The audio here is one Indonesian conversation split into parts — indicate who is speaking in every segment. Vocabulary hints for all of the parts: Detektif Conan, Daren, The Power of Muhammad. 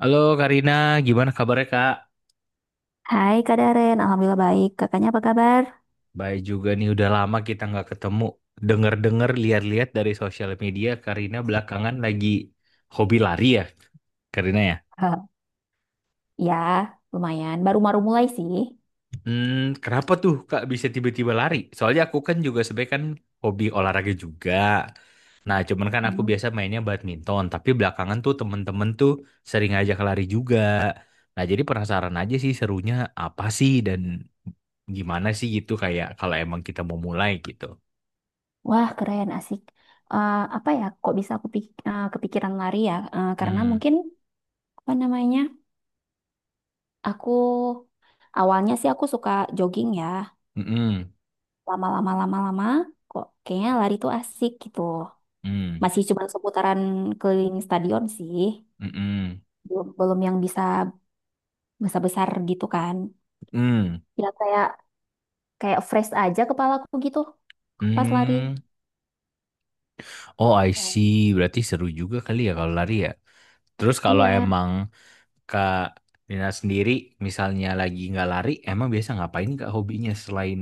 Speaker 1: Halo Karina, gimana kabarnya Kak?
Speaker 2: Hai Kak Daren, Alhamdulillah baik. Kakaknya apa kabar?
Speaker 1: Baik juga nih, udah lama kita nggak ketemu. Dengar-dengar, lihat-lihat dari sosial media, Karina belakangan lagi hobi lari ya, Karina ya.
Speaker 2: Eh, ya, lumayan. Baru-baru mulai sih.
Speaker 1: Hmm, kenapa tuh Kak bisa tiba-tiba lari? Soalnya aku kan juga sebenarnya kan hobi olahraga juga. Nah, cuman kan aku
Speaker 2: Hmm.
Speaker 1: biasa mainnya badminton, tapi belakangan tuh temen-temen tuh sering ngajak lari juga. Nah, jadi penasaran aja sih serunya apa sih dan gimana sih gitu kayak kalau emang kita mau mulai gitu.
Speaker 2: Wah keren, asik. Apa ya, kok bisa kepikiran lari ya? Karena mungkin, apa namanya, aku awalnya sih suka jogging ya. Lama-lama-lama-lama, kok kayaknya lari tuh asik gitu. Masih cuma seputaran keliling stadion sih.
Speaker 1: うんうん、うん、うん、うんhmm.
Speaker 2: Belum, belum yang bisa besar-besar gitu kan. Ya kayak kayak fresh aja kepalaku gitu pas lari.
Speaker 1: Oh, I see.
Speaker 2: Oh.
Speaker 1: Berarti seru juga kali ya kalau lari ya. Terus kalau
Speaker 2: Iya.
Speaker 1: emang Kak Nina sendiri misalnya lagi nggak lari, emang biasa ngapain Kak hobinya selain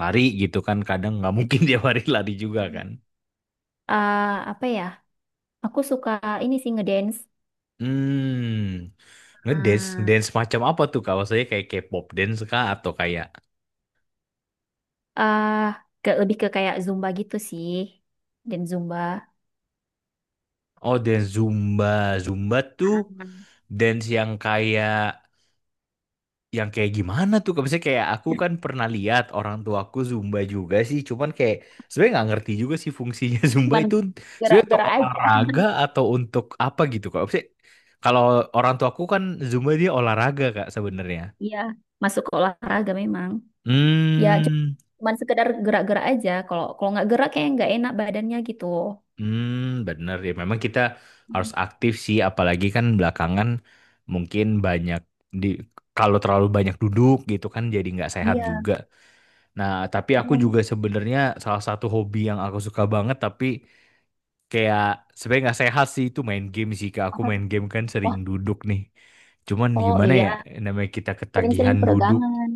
Speaker 1: lari gitu kan? Kadang nggak mungkin dia lari lari juga kan.
Speaker 2: Ah, apa ya? Aku suka ini sih ngedance.
Speaker 1: Hmm, ngedance,
Speaker 2: Ah,
Speaker 1: dance macam apa tuh Kak? Maksudnya kayak K-pop dance Kak atau kayak
Speaker 2: ah ke lebih ke kayak zumba gitu sih. Dan zumba.
Speaker 1: oh, dance Zumba. Zumba tuh
Speaker 2: ah, ah.
Speaker 1: dance yang kayak gimana tuh? Kayak misalnya kayak aku kan pernah lihat orang tuaku Zumba juga sih, cuman kayak sebenarnya nggak ngerti juga sih fungsinya Zumba
Speaker 2: Cuman
Speaker 1: itu sebenarnya untuk
Speaker 2: gerak-gerak aja.
Speaker 1: olahraga atau untuk apa gitu kak? Maksudnya, kalau orang tuaku kan Zumba dia olahraga kak sebenarnya.
Speaker 2: Iya, masuk ke olahraga memang. Ya,
Speaker 1: Hmm,
Speaker 2: cuman sekedar gerak-gerak aja. Kalau kalau nggak gerak kayak nggak enak badannya gitu.
Speaker 1: hmm, bener ya. Memang kita harus
Speaker 2: Hmm,
Speaker 1: aktif sih, apalagi kan belakangan mungkin banyak di kalau terlalu banyak duduk gitu kan jadi nggak sehat
Speaker 2: iya,
Speaker 1: juga. Nah, tapi aku
Speaker 2: yang
Speaker 1: juga sebenarnya salah satu hobi yang aku suka banget tapi kayak sebenarnya nggak sehat sih itu main game sih Kak. Aku
Speaker 2: apa tuh?
Speaker 1: main game kan sering
Speaker 2: Wah,
Speaker 1: duduk nih. Cuman
Speaker 2: oh
Speaker 1: gimana ya
Speaker 2: iya,
Speaker 1: namanya kita
Speaker 2: sering-sering
Speaker 1: ketagihan duduk.
Speaker 2: peregangan.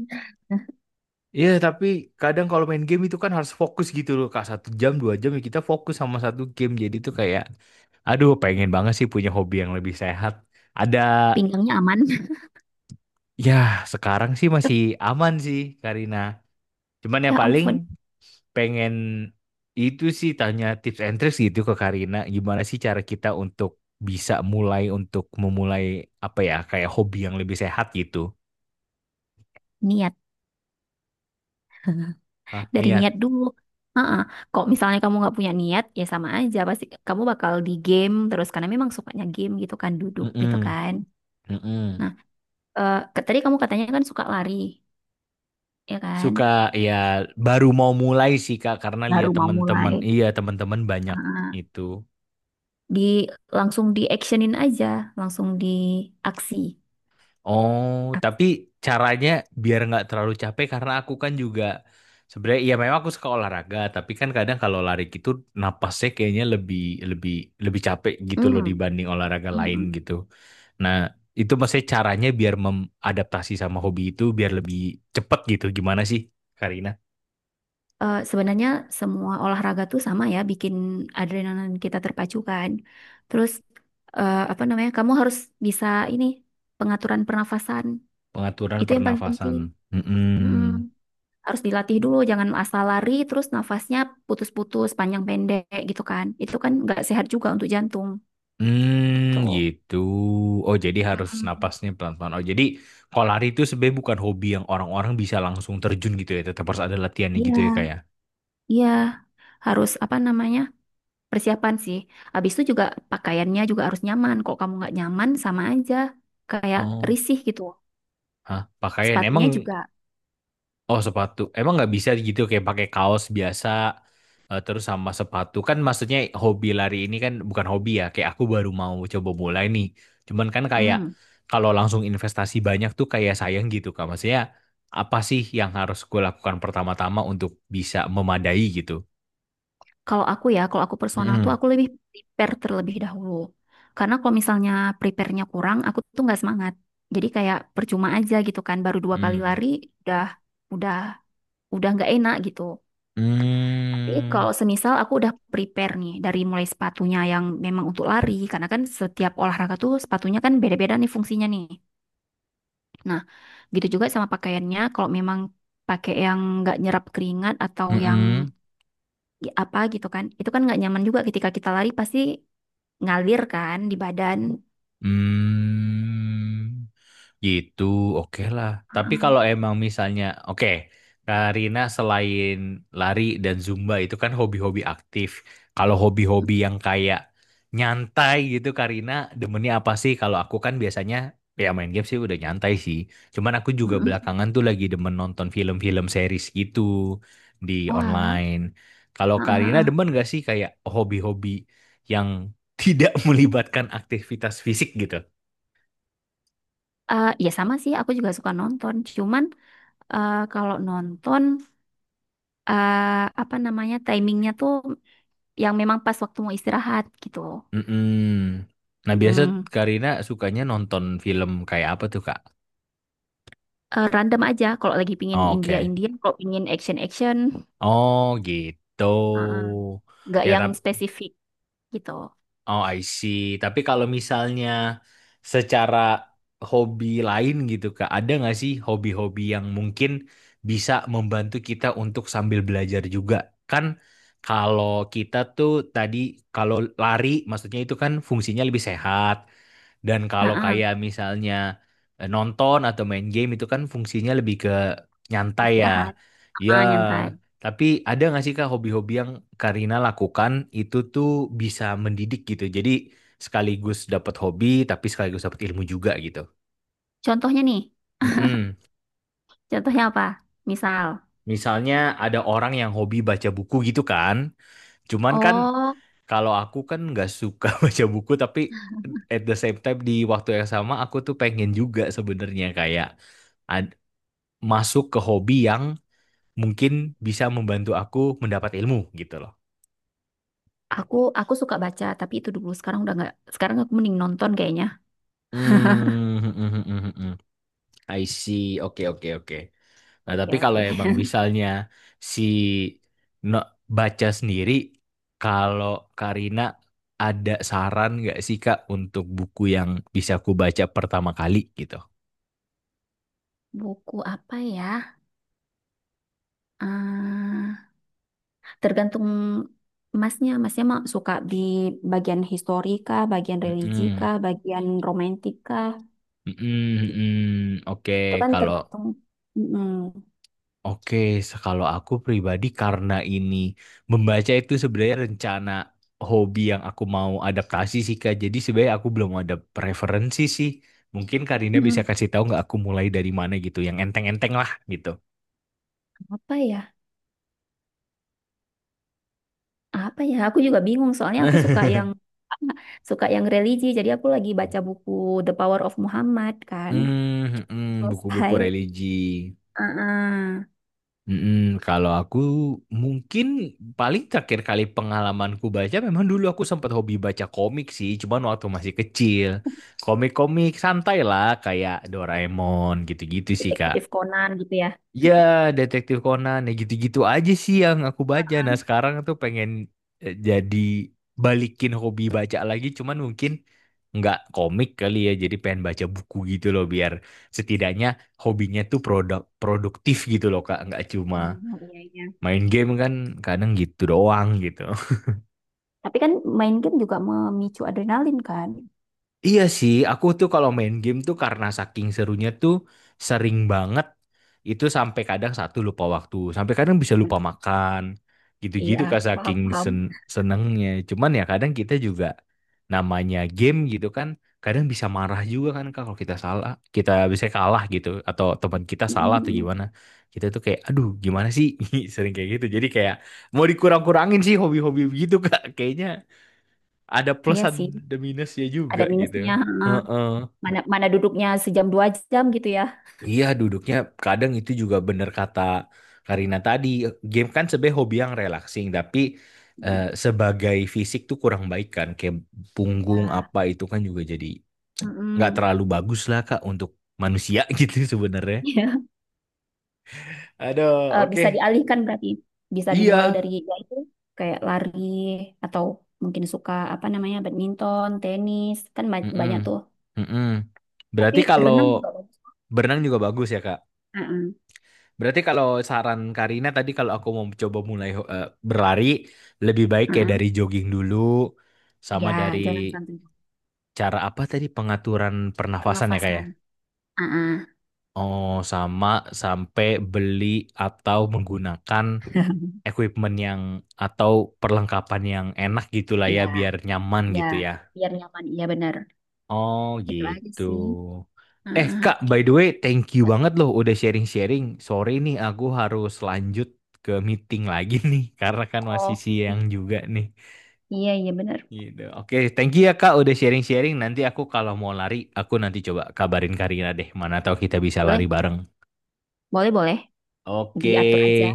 Speaker 1: Iya, tapi kadang kalau main game itu kan harus fokus gitu loh Kak. Satu jam, dua jam ya kita fokus sama satu game. Jadi itu kayak aduh pengen banget sih punya hobi yang lebih sehat. Ada
Speaker 2: Pinggangnya aman.
Speaker 1: ya sekarang sih masih aman sih Karina. Cuman ya
Speaker 2: Ya
Speaker 1: paling
Speaker 2: ampun,
Speaker 1: pengen itu sih tanya tips and tricks gitu ke Karina gimana sih cara kita untuk bisa mulai untuk memulai apa ya kayak hobi yang lebih sehat gitu.
Speaker 2: niat.
Speaker 1: Hah,
Speaker 2: Dari
Speaker 1: niat.
Speaker 2: niat dulu. Heeh. Kok misalnya kamu nggak punya niat, ya sama aja. Pasti kamu bakal di game terus. Karena memang sukanya game gitu kan, duduk gitu
Speaker 1: Mm-mm.
Speaker 2: kan.
Speaker 1: Mm-mm.
Speaker 2: Nah, tadi kamu katanya kan suka lari, ya kan?
Speaker 1: Suka ya baru mau mulai sih Kak karena
Speaker 2: Baru
Speaker 1: lihat
Speaker 2: mau mulai.
Speaker 1: teman-teman iya teman-teman banyak
Speaker 2: Heeh.
Speaker 1: itu.
Speaker 2: Di langsung di actionin aja, langsung di aksi.
Speaker 1: Oh,
Speaker 2: Ak-
Speaker 1: tapi caranya biar nggak terlalu capek karena aku kan juga sebenarnya ya memang aku suka olahraga, tapi kan kadang kalau lari gitu napasnya kayaknya lebih lebih lebih capek gitu loh
Speaker 2: Hmm.
Speaker 1: dibanding olahraga lain
Speaker 2: Mm-mm.
Speaker 1: gitu. Nah, itu maksudnya caranya biar mengadaptasi sama hobi itu biar lebih cepet gitu. Gimana sih, Karina?
Speaker 2: Sebenarnya semua olahraga tuh sama ya, bikin adrenalin kita terpacu kan. Terus apa namanya? Kamu harus bisa ini pengaturan pernafasan
Speaker 1: Pengaturan
Speaker 2: itu yang paling
Speaker 1: pernafasan.
Speaker 2: penting. Mm-mm.
Speaker 1: Mm-mm.
Speaker 2: Harus dilatih dulu, jangan asal lari terus nafasnya putus-putus panjang pendek gitu kan. Itu kan nggak sehat juga untuk jantung gitu.
Speaker 1: Hmm, gitu. Oh, jadi harus
Speaker 2: Mm-mm.
Speaker 1: napasnya pelan-pelan. Oh, jadi kalau lari itu sebenarnya bukan hobi yang orang-orang bisa langsung terjun gitu ya. Tetap harus ada latihannya gitu
Speaker 2: Iya,
Speaker 1: ya kayak.
Speaker 2: iya harus apa namanya? Persiapan sih. Habis itu juga pakaiannya juga harus nyaman. Kalau kamu nggak nyaman sama aja kayak
Speaker 1: Oh,
Speaker 2: risih gitu.
Speaker 1: hah, pakaian emang
Speaker 2: Sepatunya juga.
Speaker 1: oh sepatu. Emang nggak bisa gitu kayak pakai kaos biasa terus sama sepatu. Kan maksudnya hobi lari ini kan bukan hobi ya. Kayak aku baru mau coba mulai nih. Cuman kan kayak
Speaker 2: Hmm.
Speaker 1: kalau langsung investasi banyak tuh kayak sayang gitu Kak. Maksudnya apa sih yang harus gue lakukan pertama-tama untuk bisa memadai gitu?
Speaker 2: Kalau aku ya, kalau aku personal tuh
Speaker 1: Mhm.
Speaker 2: aku lebih prepare terlebih dahulu. Karena kalau misalnya prepare-nya kurang, aku tuh nggak semangat. Jadi kayak percuma aja gitu kan. Baru dua kali
Speaker 1: Hmm.
Speaker 2: lari udah udah udah nggak enak gitu. Tapi
Speaker 1: Mmm,
Speaker 2: kalau semisal aku udah prepare nih dari mulai sepatunya yang memang untuk lari, karena kan setiap olahraga tuh sepatunya kan beda-beda nih fungsinya nih. Nah, gitu juga sama pakaiannya, kalau memang pakai yang nggak nyerap keringat atau
Speaker 1: mhm.
Speaker 2: apa gitu kan, itu kan nggak nyaman juga ketika kita lari pasti ngalir kan di badan.
Speaker 1: Hmm. Hmm. Gitu, oke lah. Tapi
Speaker 2: Heeh.
Speaker 1: kalau emang misalnya, oke, Karina selain lari dan Zumba itu kan hobi-hobi aktif. Kalau hobi-hobi yang kayak nyantai gitu, Karina demennya apa sih? Kalau aku kan biasanya ya main game sih udah nyantai sih. Cuman aku juga
Speaker 2: Heeh.
Speaker 1: belakangan tuh lagi demen nonton film-film series gitu di
Speaker 2: Oh alah.
Speaker 1: online. Kalau Karina
Speaker 2: Heeh.
Speaker 1: demen gak sih kayak hobi-hobi yang tidak melibatkan aktivitas fisik gitu?
Speaker 2: Ya sama sih, aku juga suka nonton. Cuman kalau nonton eh, apa namanya timingnya tuh yang memang pas waktu mau istirahat gitu.
Speaker 1: Mm-mm. Nah, biasa
Speaker 2: Hmm.
Speaker 1: Karina sukanya nonton film kayak apa tuh, Kak?
Speaker 2: Random aja kalau lagi pingin India
Speaker 1: Oke.
Speaker 2: India, kalau pingin action action,
Speaker 1: Oh, gitu.
Speaker 2: heeh, nggak
Speaker 1: Ya,
Speaker 2: yang
Speaker 1: tapi
Speaker 2: spesifik gitu.
Speaker 1: oh, I see. Tapi kalau misalnya secara hobi lain gitu, Kak, ada nggak sih hobi-hobi yang mungkin bisa membantu kita untuk sambil belajar juga? Kan kalau kita tuh tadi kalau lari, maksudnya itu kan fungsinya lebih sehat. Dan kalau
Speaker 2: Heeh.
Speaker 1: kayak misalnya nonton atau main game itu kan fungsinya lebih ke nyantai ya.
Speaker 2: Istirahat,
Speaker 1: Ya,
Speaker 2: nyantai.
Speaker 1: tapi ada nggak sih Kak hobi-hobi yang Karina lakukan itu tuh bisa mendidik gitu. Jadi sekaligus dapat hobi tapi sekaligus dapat ilmu juga gitu.
Speaker 2: Contohnya nih,
Speaker 1: Mm-mm.
Speaker 2: contohnya apa? Misal,
Speaker 1: Misalnya ada orang yang hobi baca buku gitu kan. Cuman kan
Speaker 2: oh,
Speaker 1: kalau aku kan nggak suka baca buku tapi at the same time di waktu yang sama aku tuh pengen juga sebenarnya kayak ad- masuk ke hobi yang mungkin bisa membantu aku mendapat ilmu gitu loh.
Speaker 2: aku suka baca, tapi itu dulu. Sekarang udah nggak. Sekarang aku mending nonton kayaknya.
Speaker 1: Hmm, hmm, hmm, hmm, hmm, hmm. I see. Oke, oke, oke. Nah,
Speaker 2: Oke,
Speaker 1: tapi kalau
Speaker 2: oke.
Speaker 1: emang misalnya si no, baca sendiri, kalau Karina ada saran nggak sih Kak untuk buku yang bisa aku baca pertama kali gitu?
Speaker 2: Buku apa ya? Eh, tergantung masnya. Masnya mah suka di bagian historika, bagian
Speaker 1: Hmm,
Speaker 2: religi
Speaker 1: hmm,
Speaker 2: kah, bagian romantika.
Speaker 1: hmm, hmm, hmm.
Speaker 2: Itu
Speaker 1: Oke,
Speaker 2: kan
Speaker 1: kalau
Speaker 2: tergantung. Mm-mm.
Speaker 1: oke, se- kalau aku pribadi karena ini membaca itu sebenarnya rencana hobi yang aku mau adaptasi sih Kak. Jadi sebenarnya aku belum ada preferensi sih. Mungkin Karina bisa
Speaker 2: Mm-mm.
Speaker 1: kasih tahu nggak aku mulai dari mana gitu, yang enteng-enteng lah gitu.
Speaker 2: Apa ya? Apa ya aku juga bingung soalnya aku suka yang suka yang religi jadi aku lagi baca buku The Power of Muhammad kan
Speaker 1: Hmm, hmm, buku-buku
Speaker 2: selesai.
Speaker 1: religi.
Speaker 2: Heeh.
Speaker 1: Mm-mm, kalau aku mungkin paling terakhir kali pengalamanku baca memang dulu aku sempat hobi baca komik sih, cuman waktu masih kecil. Komik-komik santai lah kayak Doraemon gitu-gitu sih Kak.
Speaker 2: Detektif Conan gitu ya.
Speaker 1: Ya, Detektif Conan ya gitu-gitu aja sih yang aku baca. Nah, sekarang tuh pengen jadi balikin hobi baca lagi, cuman mungkin nggak komik kali ya, jadi pengen baca buku gitu loh biar setidaknya hobinya tuh produktif gitu loh Kak, nggak cuma
Speaker 2: Hmm, iya iya,
Speaker 1: main game kan kadang gitu doang gitu.
Speaker 2: tapi kan main game juga memicu adrenalin kan.
Speaker 1: Iya sih, aku tuh kalau main game tuh karena saking serunya tuh sering banget itu sampai kadang satu lupa waktu, sampai kadang bisa lupa
Speaker 2: Hmm,
Speaker 1: makan.
Speaker 2: iya
Speaker 1: Gitu-gitu kak
Speaker 2: paham
Speaker 1: saking
Speaker 2: paham.
Speaker 1: senengnya. Cuman ya kadang kita juga namanya game gitu kan, kadang bisa marah juga kan Kak, kalau kita salah, kita bisa kalah gitu atau teman kita
Speaker 2: Mm,
Speaker 1: salah atau
Speaker 2: mm, mm.
Speaker 1: gimana. Kita tuh kayak aduh gimana sih? Sering kayak gitu. Jadi kayak mau dikurang-kurangin sih hobi-hobi gitu Kak kayaknya ada plus
Speaker 2: Iya sih
Speaker 1: ada minusnya juga
Speaker 2: ada
Speaker 1: gitu.
Speaker 2: minusnya, heeh.
Speaker 1: Heeh.
Speaker 2: Mana mana duduknya sejam dua jam gitu ya.
Speaker 1: Iya duduknya kadang itu juga bener kata Karina tadi. Game kan sebagai hobi yang relaxing tapi
Speaker 2: Mm,
Speaker 1: sebagai fisik tuh kurang baik kan. Kayak punggung
Speaker 2: iya.
Speaker 1: apa itu kan juga jadi
Speaker 2: Mm,
Speaker 1: nggak
Speaker 2: mm.
Speaker 1: terlalu bagus lah Kak untuk manusia gitu sebenarnya. Aduh, oke.
Speaker 2: Bisa dialihkan berarti bisa dimulai
Speaker 1: Iya.
Speaker 2: dari ya itu kayak lari atau mungkin suka apa namanya badminton, tenis kan banyak
Speaker 1: Mm-mm.
Speaker 2: tuh.
Speaker 1: Mm-mm. Berarti
Speaker 2: Tapi
Speaker 1: kalau
Speaker 2: renang juga bagus.
Speaker 1: berenang juga bagus ya Kak?
Speaker 2: Heeh,
Speaker 1: Berarti kalau saran Karina tadi kalau aku mau coba mulai berlari lebih baik kayak
Speaker 2: heeh.
Speaker 1: dari jogging dulu sama dari
Speaker 2: Ya, jalan santai,
Speaker 1: cara apa tadi pengaturan pernafasan ya kayak.
Speaker 2: pernafasan. Heeh,
Speaker 1: Oh, sama sampai beli atau menggunakan equipment yang atau perlengkapan yang enak gitulah ya
Speaker 2: ya,
Speaker 1: biar nyaman
Speaker 2: ya,
Speaker 1: gitu ya.
Speaker 2: biar nyaman. Iya benar.
Speaker 1: Oh
Speaker 2: Gitu aja
Speaker 1: gitu.
Speaker 2: sih.
Speaker 1: Eh
Speaker 2: Heeh.
Speaker 1: Kak, by the way, thank you
Speaker 2: Ya,
Speaker 1: banget loh udah sharing-sharing. Sorry nih, aku harus lanjut ke meeting lagi nih, karena kan masih
Speaker 2: oh,
Speaker 1: siang juga nih.
Speaker 2: iya iya benar.
Speaker 1: Gitu. Oke, thank you ya Kak udah sharing-sharing. Nanti aku kalau mau lari, aku nanti coba kabarin Karina deh. Mana tahu kita bisa lari
Speaker 2: Boleh,
Speaker 1: bareng.
Speaker 2: boleh, boleh.
Speaker 1: Oke,
Speaker 2: Diatur aja.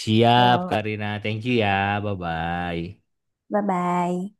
Speaker 1: siap
Speaker 2: Yo.
Speaker 1: Karina. Thank you ya. Bye-bye.
Speaker 2: Bye-bye.